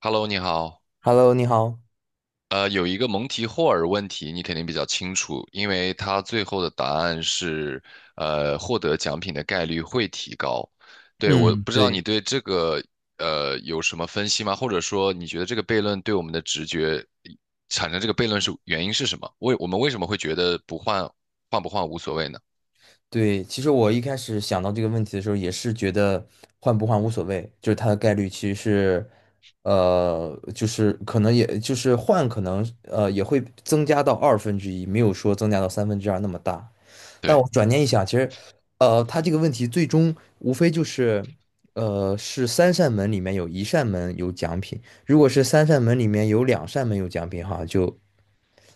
Hello，你好。Hello，你好。有一个蒙提霍尔问题，你肯定比较清楚，因为它最后的答案是，获得奖品的概率会提高。对，我嗯，不知道你对，对这个有什么分析吗？或者说，你觉得这个悖论对我们的直觉产生这个悖论是原因是什么？为我们为什么会觉得不换，换不换无所谓呢？对，其实我一开始想到这个问题的时候，也是觉得换不换无所谓，就是它的概率其实是，就是可能也就是换，可能也会增加到二分之一，没有说增加到三分之二那么大。但对，我转念一想，其实，它这个问题最终无非就是，是三扇门里面有一扇门有奖品。如果是三扇门里面有两扇门有奖品，哈，就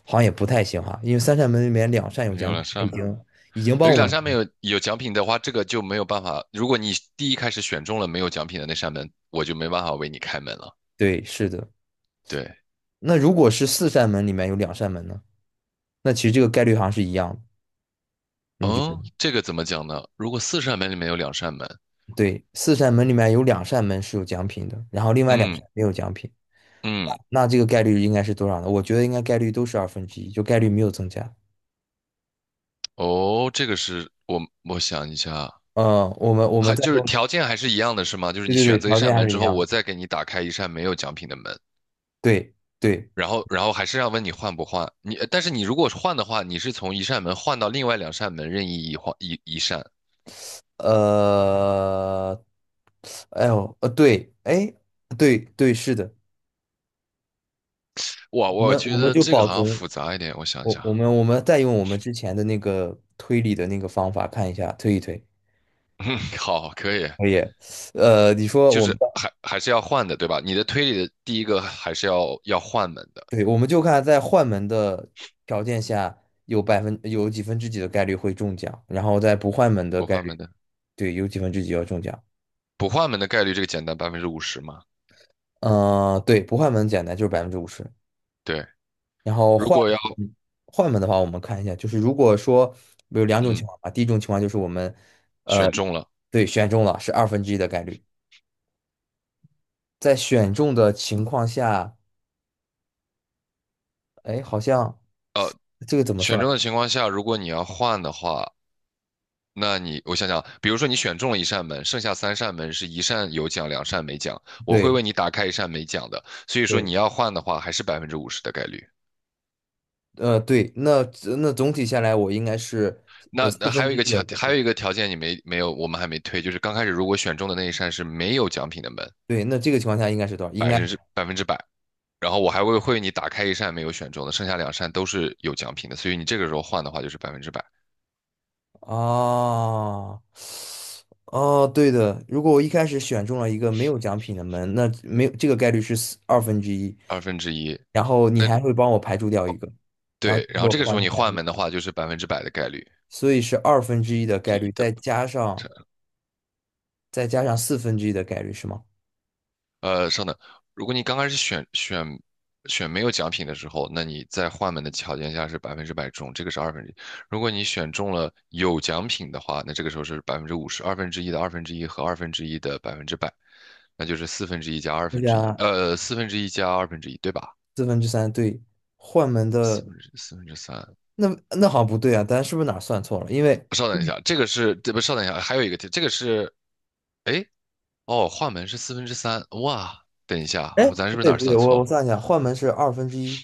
好像也不太行哈，因为三扇门里面两扇有有奖品，两它已扇，经已经帮有我两扇没们。有有奖品的话，这个就没有办法。如果你第一开始选中了没有奖品的那扇门，我就没办法为你开门了。对，是的。对，那如果是四扇门里面有两扇门呢？那其实这个概率好像是一样的。你觉得？哦，这个怎么讲呢？如果四扇门里面有两扇门，对，四扇门里面有两扇门是有奖品的，然后另外两扇嗯没有奖品，嗯，那这个概率应该是多少呢？我觉得应该概率都是二分之一，就概率没有增加。哦，这个是我想一下，嗯，我们还再就用，是条件还是一样的是吗？就是对你对对，选择一条扇件还门是之一后，样的。我再给你打开一扇没有奖品的门，对对，然后还是要问你换不换？你但是你如果换的话，你是从一扇门换到另外两扇门任意一换一一扇。呃，哎呦，对，哎，对对，是的，哇，我我们觉我们得就这个保好像复存，杂一点，我想我想，我们我们再用我们之前的那个推理的那个方法看一下，推一推，嗯，好，可以，可以。你说就我们是还还是要换的，对吧？你的推理的第一个还是要换门的，对，我们就看在换门的条件下有几分之几的概率会中奖，然后在不换门的不概换门率，的。对，有几分之几要中奖。不换门的概率这个简单，百分之五十嘛。嗯，对，不换门简单，就是百分之五十。对，然后如果要嗯换门的话，我们看一下，就是如果说有两种情嗯况吧，第一种情况就是我们呃选中了，对选中了是二分之一的概率。在选中的情况下，哎，好像这个怎么算？选中的情况下，如果你要换的话，那你我想想，比如说你选中了一扇门，剩下三扇门是一扇有奖，两扇没奖，我会对为你打开一扇没奖的，所以说你对，要换的话，还是百分之五十的概率。对，那总体下来，我应该是那四那还分有之一个一条，的概还有率。一个条件你没有，我们还没推，就是刚开始如果选中的那一扇是没有奖品的门，对，那这个情况下应该是多少？应百该分之百分之百，然后我还会你打开一扇没有选中的，剩下两扇都是有奖品的，所以你这个时候换的话就是百分之百，啊，哦，哦对的。如果我一开始选中了一个没有奖品的门，那没有这个概率是二分之一，二分之一。然后你那还会帮我排除掉一个，然后对，就然是后我这个时换候成你百分换之，门的话就是百分之百的概率。所以是二分之一的概率，再加上四分之一的概率是吗？稍等，如果你刚开始选没有奖品的时候，那你在换门的条件下是百分之百中，这个是二分之一。如果你选中了有奖品的话，那这个时候是百分之五十，二分之一的二分之一和二分之一的百分之百，那就是四分之一加二再分之一，加四分之一加二分之一，对吧？四分之三对，换门四的分之四分之三，那那好像不对啊，咱是不是哪儿算错了？因为稍等一下，这个是，这不，稍等一下，还有一个题，这个是，哎，哦，换门是四分之三，哇，等一下，哎，我咱是不不是对哪不儿对，算我错我了？算一下，换门是二分之一，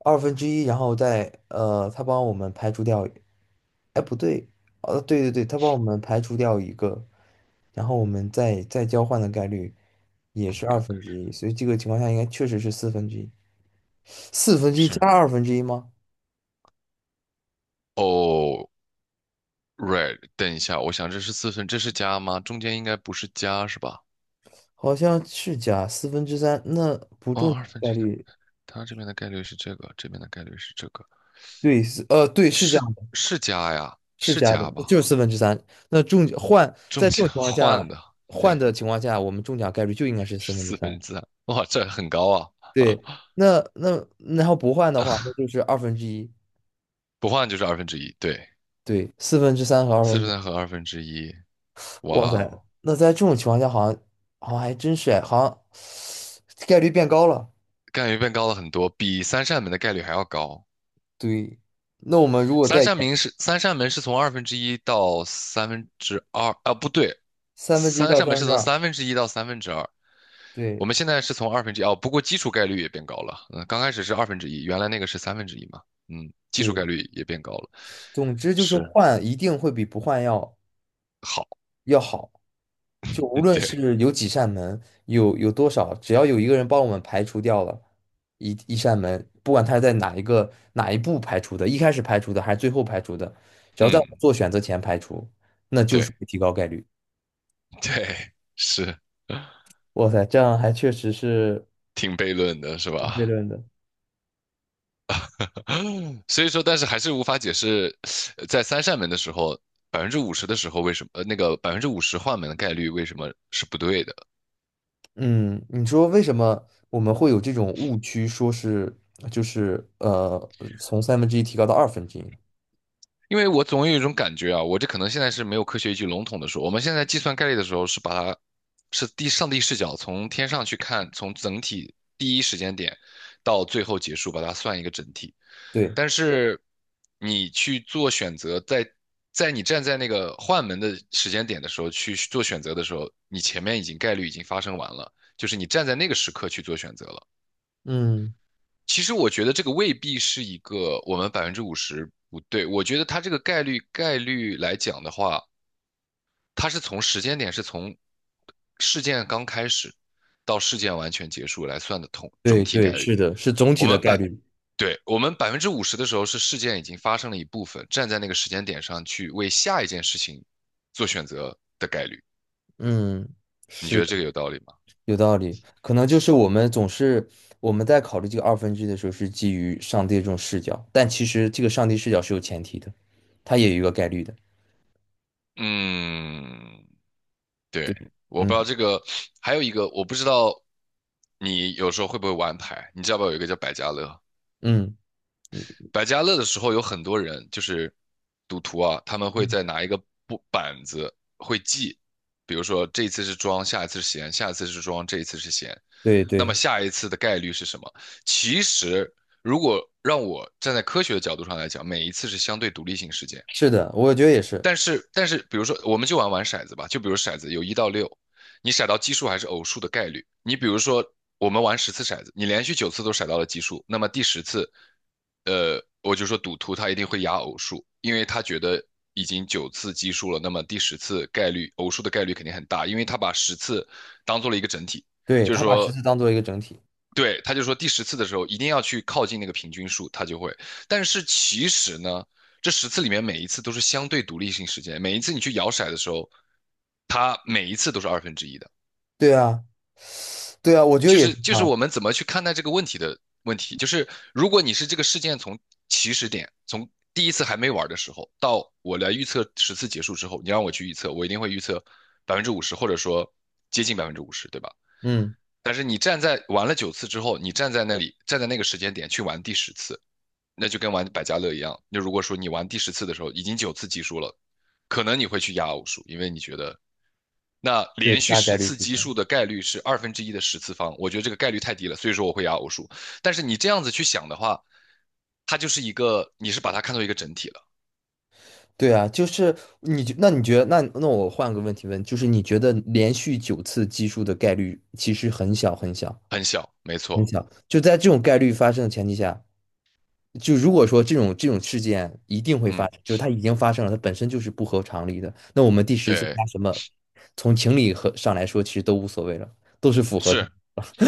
二分之一，然后再他帮我们排除掉，哎不对，对对对，他帮我们排除掉一个，然后我们再交换的概率也嗯，是二看分看之一，所以这个情况下应该确实是四分之一，四分之一是，加二分之一吗？哦，right，等一下，我想这是四分，这是加吗？中间应该不是加是吧？好像是加四分之三，那不哦，中奖二分概之一，率它这边的概率是这个，这边的概率是这个，对是这是样。是加呀，是是加的，加就吧？是四分之三。那中换中在这种间情况下，换的，换对，的情况下，我们中奖概率就应该是四是分之四三。分之三，哇，这很高啊，对，那然后不换的话，那就是二分之一。不换就是二分之一，对，对，四分之三和二分四之分之三一，和二分之一，哇哇塞，哦。那在这种情况下，好像还真是哎，好像概率变高了。概率变高了很多，比三扇门的概率还要高。对，那我们如果再三扇演门是三扇门是从二分之一到三分之二啊，不对，三分之一三到扇三门分是之从二，三分之一到三分之二。我对们现在是从二分之一哦，不过基础概率也变高了。嗯，刚开始是二分之一，原来那个是三分之一嘛。嗯，基础概对，率也变高了。总之就是是，换一定会比不换要好，要好。就无论对，是有几扇门，有多少，只要有一个人帮我们排除掉了一扇门，不管他是在哪一步排除的，一开始排除的还是最后排除的，只要在我们嗯，做选择前排除，那就对。 是会提高概率。对，是，哇塞，这样还确实是挺悖论的，是有悖吧？论的。所以说，但是还是无法解释，在三扇门的时候，百分之五十的时候为什么，那个百分之五十换门的概率为什么是不对的？嗯，你说为什么我们会有这种误区，说是就是从三分之一提高到二分之一？因为我总有一种感觉啊，我这可能现在是没有科学依据，笼统的说，我们现在计算概率的时候是把它是第上帝视角，从天上去看，从整体第一时间点到最后结束，把它算一个整体。对，但是你去做选择，在你站在那个换门的时间点的时候去做选择的时候，你前面已经概率已经发生完了，就是你站在那个时刻去做选择了。嗯，其实我觉得这个未必是一个我们百分之五十不对，我觉得它这个概率概率来讲的话，它是从时间点是从事件刚开始到事件完全结束来算的统整对体对，概率。是的，是总我体的们概百，率。对，我们百分之五十的时候是事件已经发生了一部分，站在那个时间点上去为下一件事情做选择的概率。嗯，你觉是得的，这个有道理吗？有道理。可能就是我们在考虑这个二分之一的时候，是基于上帝这种视角，但其实这个上帝视角是有前提的，它也有一个概率的。嗯，对，我不知嗯道这个，还有一个我不知道，你有时候会不会玩牌？你知道不知道有一个叫百家乐？嗯嗯百家乐的时候有很多人就是赌徒啊，他们会嗯，在拿一个布板子会记，比如说这一次是庄，下一次是闲，下一次是庄，这一次是闲，对那对，么下一次的概率是什么？其实如果让我站在科学的角度上来讲，每一次是相对独立性事件。是的，我觉得也是。但是但是，比如说，我们就玩玩骰子吧，就比如骰子有一到六，你骰到奇数还是偶数的概率。你比如说，我们玩十次骰子，你连续九次都骰到了奇数，那么第十次，我就说赌徒他一定会压偶数，因为他觉得已经九次奇数了，那么第十次概率偶数的概率肯定很大，因为他把十次当做了一个整体，对，就是他把十说字当做一个整体。对，他就说第十次的时候一定要去靠近那个平均数，他就会。但是其实呢，这十次里面每一次都是相对独立性事件，每一次你去摇骰的时候，它每一次都是二分之一的。对啊，对啊，我觉得就也是是就是啊。我们怎么去看待这个问题的问题，就是如果你是这个事件从起始点，从第一次还没玩的时候到我来预测十次结束之后，你让我去预测，我一定会预测百分之五十，或者说接近百分之五十，对吧？嗯，但是你站在玩了九次之后，你站在那里，站在那个时间点去玩第十次，那就跟玩百家乐一样。就如果说你玩第十次的时候已经九次奇数了，可能你会去压偶数，因为你觉得那对，连续大概十率次是奇这样。数的概率是二分之一的十次方，我觉得这个概率太低了，所以说我会压偶数。但是你这样子去想的话，它就是一个，你是把它看作一个整体了，对啊，就是那你觉得，那我换个问题问，就是你觉得连续九次奇数的概率其实很小很小。很小，没很错，小，就在这种概率发生的前提下，就如果说这种事件一定会发嗯，生，就是它已经发生了，它本身就是不合常理的，那我们第十次对，加什么，从情理和上来说，其实都无所谓了，都是符合。是。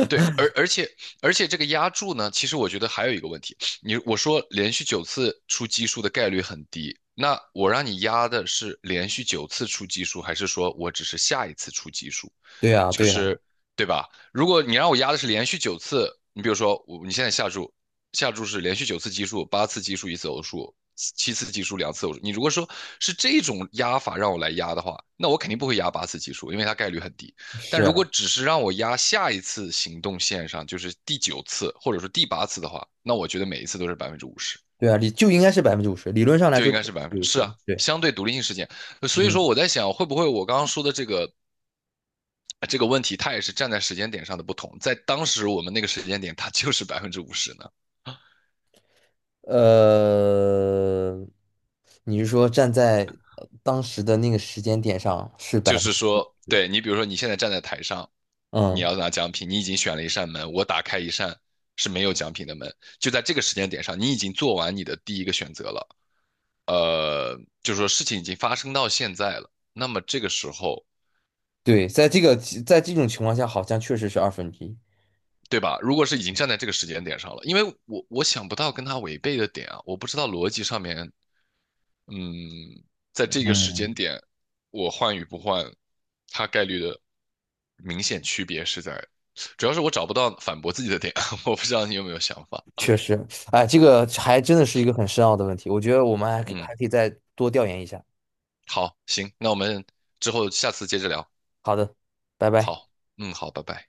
对，而且这个压注呢，其实我觉得还有一个问题，你我说连续九次出奇数的概率很低，那我让你压的是连续九次出奇数，还是说我只是下一次出奇数？对啊，就对啊，是对吧？如果你让我压的是连续九次，你比如说我你现在下注，下注是连续九次奇数，八次奇数一次偶数，七次奇数两次偶数。你如果说是这种压法让我来压的话，那我肯定不会压八次奇数，因为它概率很低。但是如啊，果只是让我压下一次行动线上，就是第九次或者说第八次的话，那我觉得每一次都是百分之五十，对啊，就应该是百分之五十，理论上来就说应就该是百是百分分之，之五是啊，十，对，相对独立性事件。所以说嗯，我在想，会不会我刚刚说的这个这个问题它也是站在时间点上的不同，在当时我们那个时间点，它就是百分之五十呢。呃，你是说站在当时的那个时间点上是百就分，是说，对你比如说你现在站在台上，你嗯，要拿奖品，你已经选了一扇门，我打开一扇是没有奖品的门，就在这个时间点上，你已经做完你的第一个选择了。就是说事情已经发生到现在了，那么这个时候，对，在这种情况下，好像确实是二分之一，对吧？如果是已经站在这个时间点上了，因为我想不到跟他违背的点啊，我不知道逻辑上面嗯，在这个时间嗯。点，我换与不换，它概率的明显区别是在，主要是我找不到反驳自己的点，我不知道你有没有想法。确实，哎，这个还真的是一个很深奥的问题，我觉得我们还可嗯，还可以再多调研一下。好，行，那我们之后下次接着聊。好的，拜拜。好，嗯，好，拜拜。